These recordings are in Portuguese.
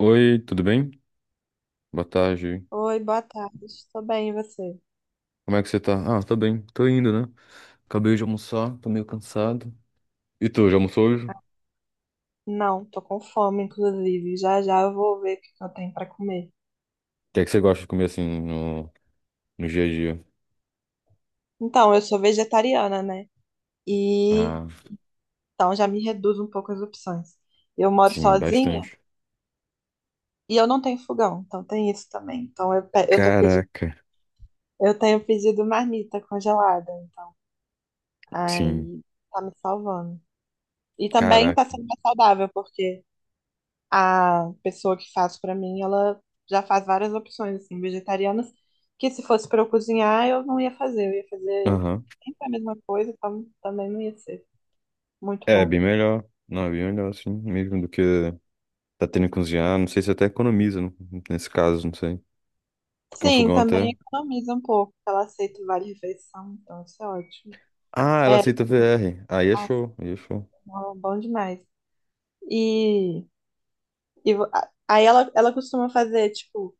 Oi, tudo bem? Boa tarde. Oi, boa tarde. Tô bem, e você? Como é que você tá? Ah, tá bem. Tô indo, né? Acabei de almoçar, tô meio cansado. E tu, já almoçou hoje? O Não, tô com fome, inclusive. Já já eu vou ver o que que eu tenho pra comer. que é que você gosta de comer assim no, no dia a dia? Então, eu sou vegetariana, né? E Ah, então já me reduz um pouco as opções. Eu moro sim, sozinha bastante. e eu não tenho fogão, então tem isso também. Então eu tô pedindo, Caraca. eu tenho pedido marmita congelada, então Sim, aí tá me salvando. E também tá caraca. sendo mais saudável, porque a pessoa que faz pra mim, ela já faz várias opções assim, vegetarianas, que se fosse pra eu cozinhar, eu não ia fazer, eu ia fazer Aham. sempre a mesma coisa, então também não ia ser muito É, bom. bem melhor. Não, é bem melhor assim, mesmo do que tá tendo que cozinhar. Não sei se até economiza, né? Nesse caso, não sei. Porque um Sim, fogão também até. economiza um pouco, porque ela aceita vale refeição, então isso é ótimo. Ah, ela É, aceita VR. Aí é show, aí é aceita, show. bom bom demais. E, e aí ela costuma fazer, tipo,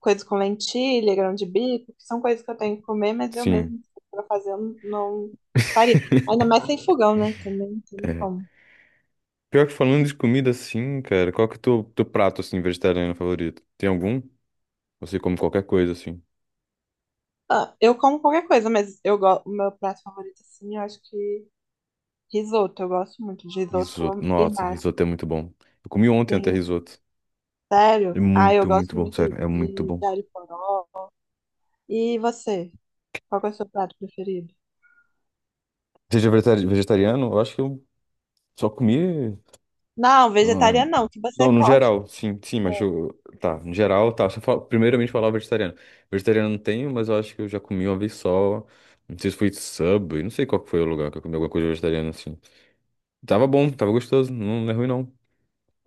coisas com lentilha, grão de bico, que são coisas que eu tenho que comer, mas eu Sim. mesmo para fazer eu não faria. Ainda mais sem fogão, né? Também tem É. como. Pior que falando de comida assim, cara, qual que é o teu, teu prato assim vegetariano favorito? Tem algum? Você come qualquer coisa assim. Ah, eu como qualquer coisa, mas eu gosto, o meu prato favorito, assim, eu acho que risoto. Eu gosto muito de Risoto. risoto e Nossa, massa. risoto é muito bom. Eu comi ontem até Sim, risoto. É sério? Ah, eu muito, muito gosto bom, muito sério, é muito de, bom. de alho poró. E você? Qual que é o seu prato preferido? Seja vegetariano, eu acho que eu só comi. Não, ah, vegetariano não, que você Não, no come. geral, sim, sim, mas eu. Tá, no geral, tá. Só primeiramente falar o vegetariano. Vegetariano não tenho, mas eu acho que eu já comi uma vez só. Não sei se foi sub, não sei qual que foi o lugar que eu comi alguma coisa vegetariana assim. Tava bom, tava gostoso, não, não é ruim não.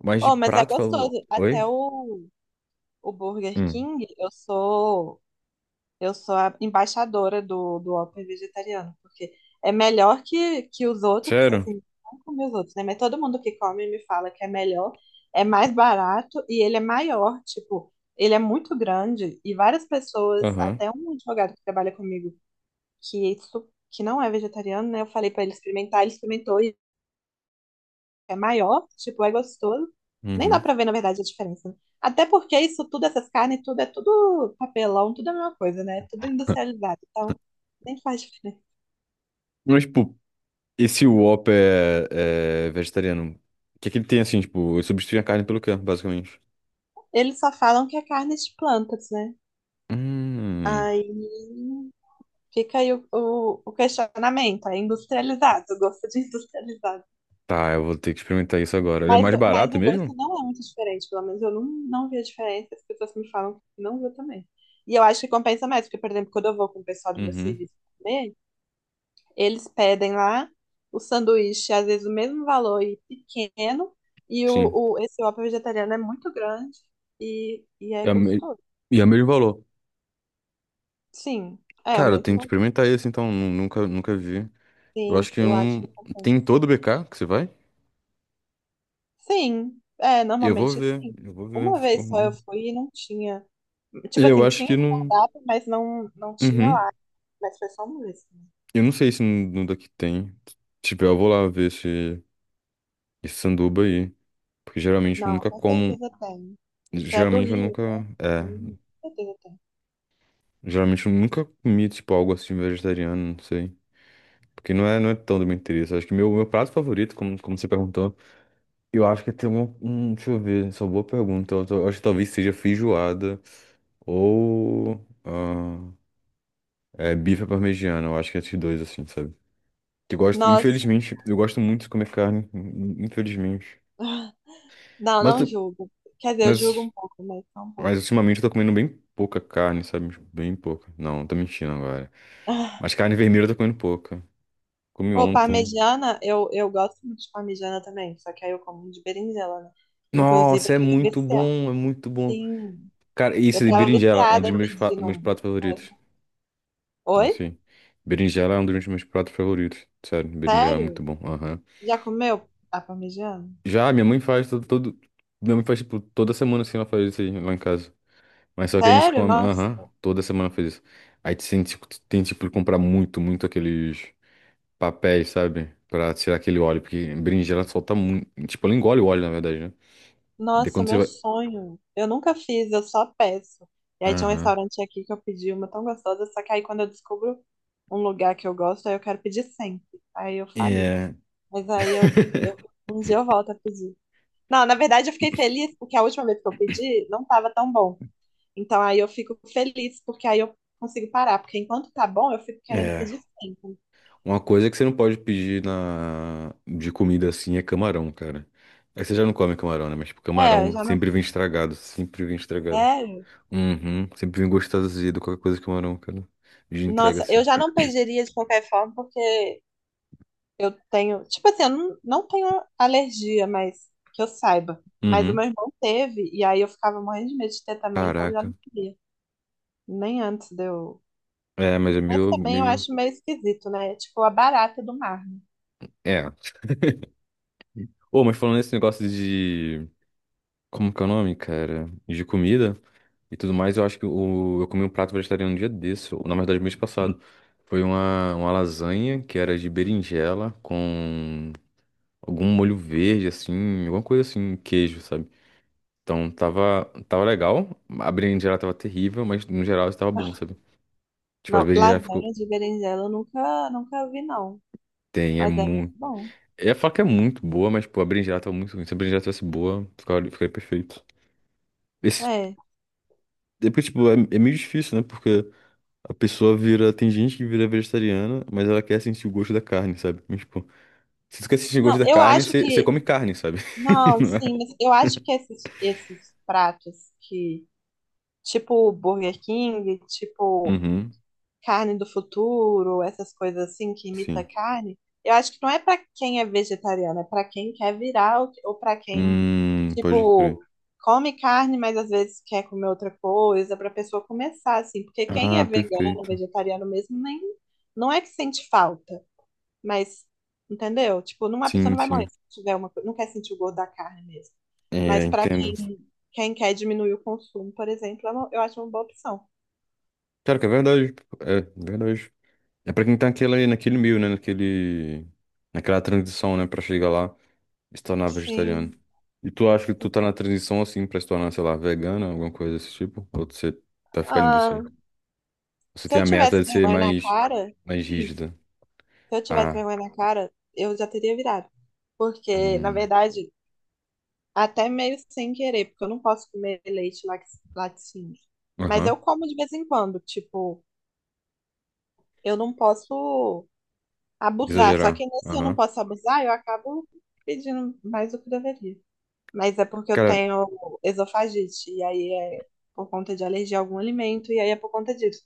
Mas de Oh, mas é prato, gostoso. falou. Até Oi? o Burger Hum. King, eu sou a embaixadora do Whopper vegetariano, porque é melhor que os outros, Sério? assim, não comer os outros, né? Mas todo mundo que come me fala que é melhor, é mais barato e ele é maior, tipo, ele é muito grande e várias pessoas, Aham. até um advogado que trabalha comigo, que, isso, que não é vegetariano, né? Eu falei pra ele experimentar, ele experimentou é maior, tipo, é gostoso. Nem dá Uhum. pra ver, na verdade, a diferença, né? Até porque isso tudo, essas carnes, tudo é tudo papelão, tudo é a mesma coisa, né? Tudo industrializado, então nem faz diferença. Mas, tipo, esse Whopper é, é vegetariano. O que é que ele tem assim, tipo, ele substitui a carne pelo quê, basicamente? Eles só falam que é carne de plantas, né? Hum. Aí fica aí o questionamento, é industrializado, eu gosto de industrializado. Tá, eu vou ter que experimentar isso agora. Ele é Mas, mais o- mas barato o gosto mesmo? não é muito diferente, pelo menos eu não vi a diferença, as pessoas me falam que não viu também. E eu acho que compensa mais, porque, por exemplo, quando eu vou com o pessoal do meu Uhum. serviço comer, eles pedem lá o sanduíche, às vezes o mesmo valor e pequeno, e Sim. Esse Whopper vegetariano é muito grande e é É o me- gostoso. E é o mesmo valor. Sim, é o Cara, eu mesmo tenho que valor. experimentar esse, então. Nunca, nunca vi. Eu Sim, acho que eu eu acho não. que Tem em compensa. todo o BK que você vai? Sim, é, Eu vou normalmente ver. sim. Eu vou ver. Uma Tipo, vez só eu fui e não tinha. Tipo eu assim, acho tinha que no não. cardápio, mas não tinha Uhum. lá. Mas foi só uma vez. Eu não sei se no daqui tem. Tipo, eu vou lá ver esse, esse sanduba aí. Porque geralmente eu Não, nunca com como. certeza tem. Você é do Geralmente eu Rio, nunca. né? É. Hum. Com certeza tem. Geralmente eu nunca comi, tipo, algo assim vegetariano, não sei. Porque não é, não é tão do meu interesse. Acho que meu prato favorito, como, como você perguntou, eu acho que tem um. Deixa eu ver, só boa pergunta. Eu acho que talvez seja feijoada ou. É, bife à parmegiana. Eu acho que é esses dois, assim, sabe? Que eu gosto, Nossa. infelizmente, eu gosto muito de comer carne, infelizmente. Não, Mas não julgo. Quer dizer, eu julgo Mas, um pouco, mas só um mas pouco. ultimamente eu tô comendo bem pouca carne, sabe? Tipo, bem pouca. Não, tô mentindo agora. Mas carne vermelha eu tô comendo pouca. Comi Ou ontem. parmegiana, eu gosto muito de parmegiana também, só que aí eu como de berinjela, né? Inclusive, Nossa, é eu tava muito viciada. bom, é muito bom. Sim, Cara, eu isso de tava berinjela é um viciada dos em meus, pedir meus um. pratos favoritos. Isso Oi? aí. Berinjela é um dos meus pratos favoritos. Sério, berinjela é muito Sério? bom. Aham. Já comeu a parmegiana? Já, minha mãe faz Minha mãe faz, tipo, toda semana assim, ela faz isso aí lá em casa. Mas só que a gente Sério? come. Nossa, Aham, toda semana faz isso. Aí tem, tipo, de comprar muito, muito aqueles papéis, sabe? Pra tirar aquele óleo, porque berinjela ela solta muito. Tipo, ela engole o óleo, na verdade, né? De nossa, quando você meu vai. sonho. Eu nunca fiz, eu só peço. E aí tinha um Aham. restaurante aqui que eu pedi uma tão gostosa, só que aí quando eu descubro um lugar que eu gosto, aí eu quero pedir sempre. Aí eu fali. É. Mas aí um dia eu volto a pedir. Não, na verdade eu fiquei feliz porque a última vez que eu pedi não estava tão bom. Então aí eu fico feliz porque aí eu consigo parar, porque enquanto tá bom eu fico querendo É. pedir sempre. Uma coisa que você não pode pedir na de comida assim é camarão, cara. Aí você já não come camarão, né? Mas, tipo, É, eu camarão já não. sempre vem estragado, sempre vem estragado. É, Uhum. Sempre vem gostoso azedo, qualquer coisa de camarão, cara. De entrega nossa, eu assim. já não pediria de qualquer forma porque eu tenho, tipo assim, eu não tenho alergia, mas que eu saiba. Mas o Uhum. meu irmão teve e aí eu ficava morrendo de medo de ter também, então eu já Caraca. não queria. Nem antes de eu. É, mas é Mas meio, também eu meio. acho meio esquisito, né? Tipo a barata do mar. É. Ô, mas falando nesse negócio de. Como que é o nome, cara? De comida e tudo mais. Eu acho que o, eu comi um prato vegetariano um dia desse, ou, na verdade, mês passado. Foi uma lasanha que era de berinjela com algum molho verde, assim, alguma coisa assim, queijo, sabe? Então tava, tava legal, a berinjela tava terrível, mas no geral estava bom, sabe? Tipo, a Não, berinjela ficou. lasanha de berinjela eu nunca, nunca vi, não. Tem, é Mas deve ser muito. bom. Eu ia falar que é muito boa, mas, pô, a berinjela tava muito ruim. Se a berinjela tivesse boa, ficaria, ficaria perfeito. Esse, É. é porque, tipo, é, é meio difícil, né? Porque. A pessoa vira. Tem gente que vira vegetariana, mas ela quer sentir o gosto da carne, sabe? Mas, tipo, se tu quer sentir o Não, gosto da eu carne, acho você que. come carne, sabe? Não, Não é? sim, mas eu acho que esses pratos que. Tipo Burger King, tipo Uhum, carne do futuro, essas coisas assim que imita sim. carne, eu acho que não é para quem é vegetariano, é para quem quer virar ou para quem, Pode crer. tipo, come carne, mas às vezes quer comer outra coisa, para pessoa começar assim, porque quem é Ah, vegano, perfeito. vegetariano mesmo, nem não é que sente falta, mas entendeu? Tipo, não, a pessoa Sim, não vai morrer sim. se tiver não quer sentir o gosto da carne mesmo. É, Mas para entendo. quem quer diminuir o consumo, por exemplo, eu acho uma boa opção. Claro que é verdade. Tipo, é verdade. É pra quem tá naquela, naquele meio, né? Naquele, naquela transição, né? Pra chegar lá e se tornar vegetariano. E tu acha que tu tá na transição, assim, pra se tornar, sei lá, vegana, alguma coisa desse tipo? Ou você tá ficando nisso aí? Sim. Você Se tem eu a meta tivesse de ser vergonha na mais, cara. mais Sim. rígida. Se eu tivesse Ah, vergonha na cara, eu já teria virado. Porque, na hum, verdade, até meio sem querer, porque eu não posso comer leite laticínio. Mas eu aham. como de vez em quando, tipo, eu não posso abusar. Só Exagerar. que nesse eu não Aham. posso abusar, eu acabo pedindo mais do que deveria. Mas é porque eu Cara, tenho esofagite, e aí é por conta de alergia a algum alimento, e aí é por conta disso.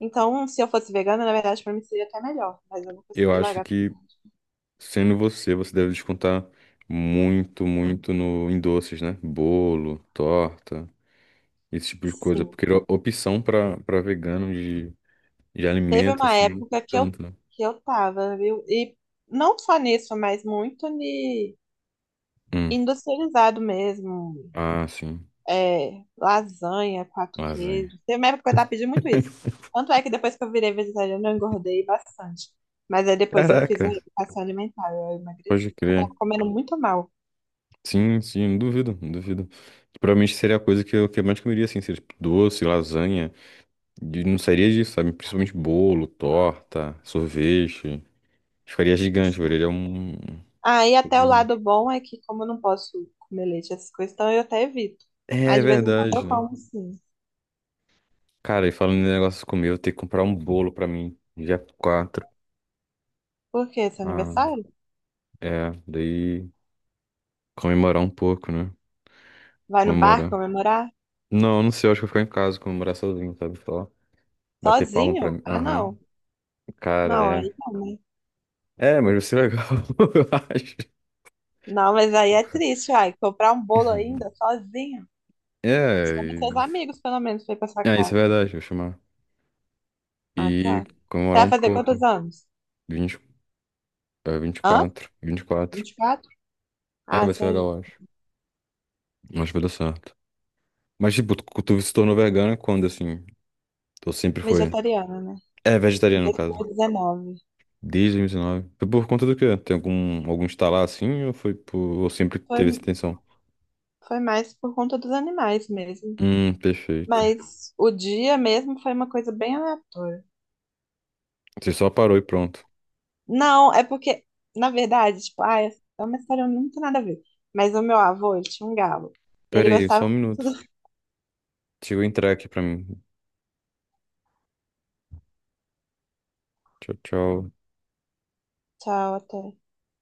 Então, se eu fosse vegana, na verdade, pra mim seria até melhor, mas eu não eu consegui acho largar. que sendo você, você deve descontar muito, muito no, em doces, né? Bolo, torta, esse tipo de coisa. Sim. Porque opção pra, pra vegano de Teve alimento, uma assim, época que eu, tanto, né? que eu tava, viu? E não só nisso, mas muito de Hum. industrializado mesmo. Ah, sim. É, lasanha, quatro Lasanha. queijos. Teve uma época que eu tava pedindo muito isso. Tanto é que depois que eu virei vegetariana, eu engordei bastante. Mas aí depois eu fiz Caraca, uma educação alimentar, eu pode emagreci, porque eu tava crer. comendo muito mal. Sim, sim, não duvido, não duvido. Provavelmente seria a coisa que eu mais comeria, assim, seria tipo, doce, lasanha. De não sairia disso, sabe? Principalmente bolo, torta, sorvete. Ficaria gigante, velho. Ele é um. Aí até o lado bom é que, como eu não posso comer leite, essas coisas, então eu até evito. É Mas de vez em quando verdade, eu né? como, sim. Cara, e falando em negócio de comer, eu vou ter que comprar um bolo pra mim, dia 4. Por quê? Seu Ah, aniversário? é. Daí comemorar um pouco, né? Vai no bar Comemorar. comemorar? Não, não sei, eu acho que eu vou ficar em casa, comemorar sozinho, sabe? Só bater palma pra Sozinho? mim. Ah, Aham. não. Cara, Não, é. aí não, né? É, mas vai ser legal, eu acho. Não, mas aí é triste, ai. Comprar um bolo ainda sozinho. É, Chama seus e- amigos, pelo menos, pra ir pra sua é, isso é casa. verdade, vou chamar. Ah, E tá. Você comemorar vai um fazer quantos pouco. anos? 20 Hã? 24, 24. 24? É, Ah, vai você ser é legal, eu acho. Acho que vai dar certo. Mas, tipo, tu, tu se tornou vegana quando, assim? Tu sempre foi... vegetariana, né? É, Em vegetariano, no dois caso. mil e dezenove. Desde 2019. Foi por conta do quê? Tem algum, algum estalar assim? Ou foi por... Ou sempre Foi, teve essa intenção? foi mais por conta dos animais mesmo. Perfeito. Mas o dia mesmo foi uma coisa bem aleatória. Você só parou e pronto. Não, é porque, na verdade, tipo, ah, é uma história muito nada a ver. Mas o meu avô, ele tinha um galo. E ele Pera aí, só gostava um minuto. muito do... Chegou a entrar aqui pra mim. Tchau, tchau. Tchau, até.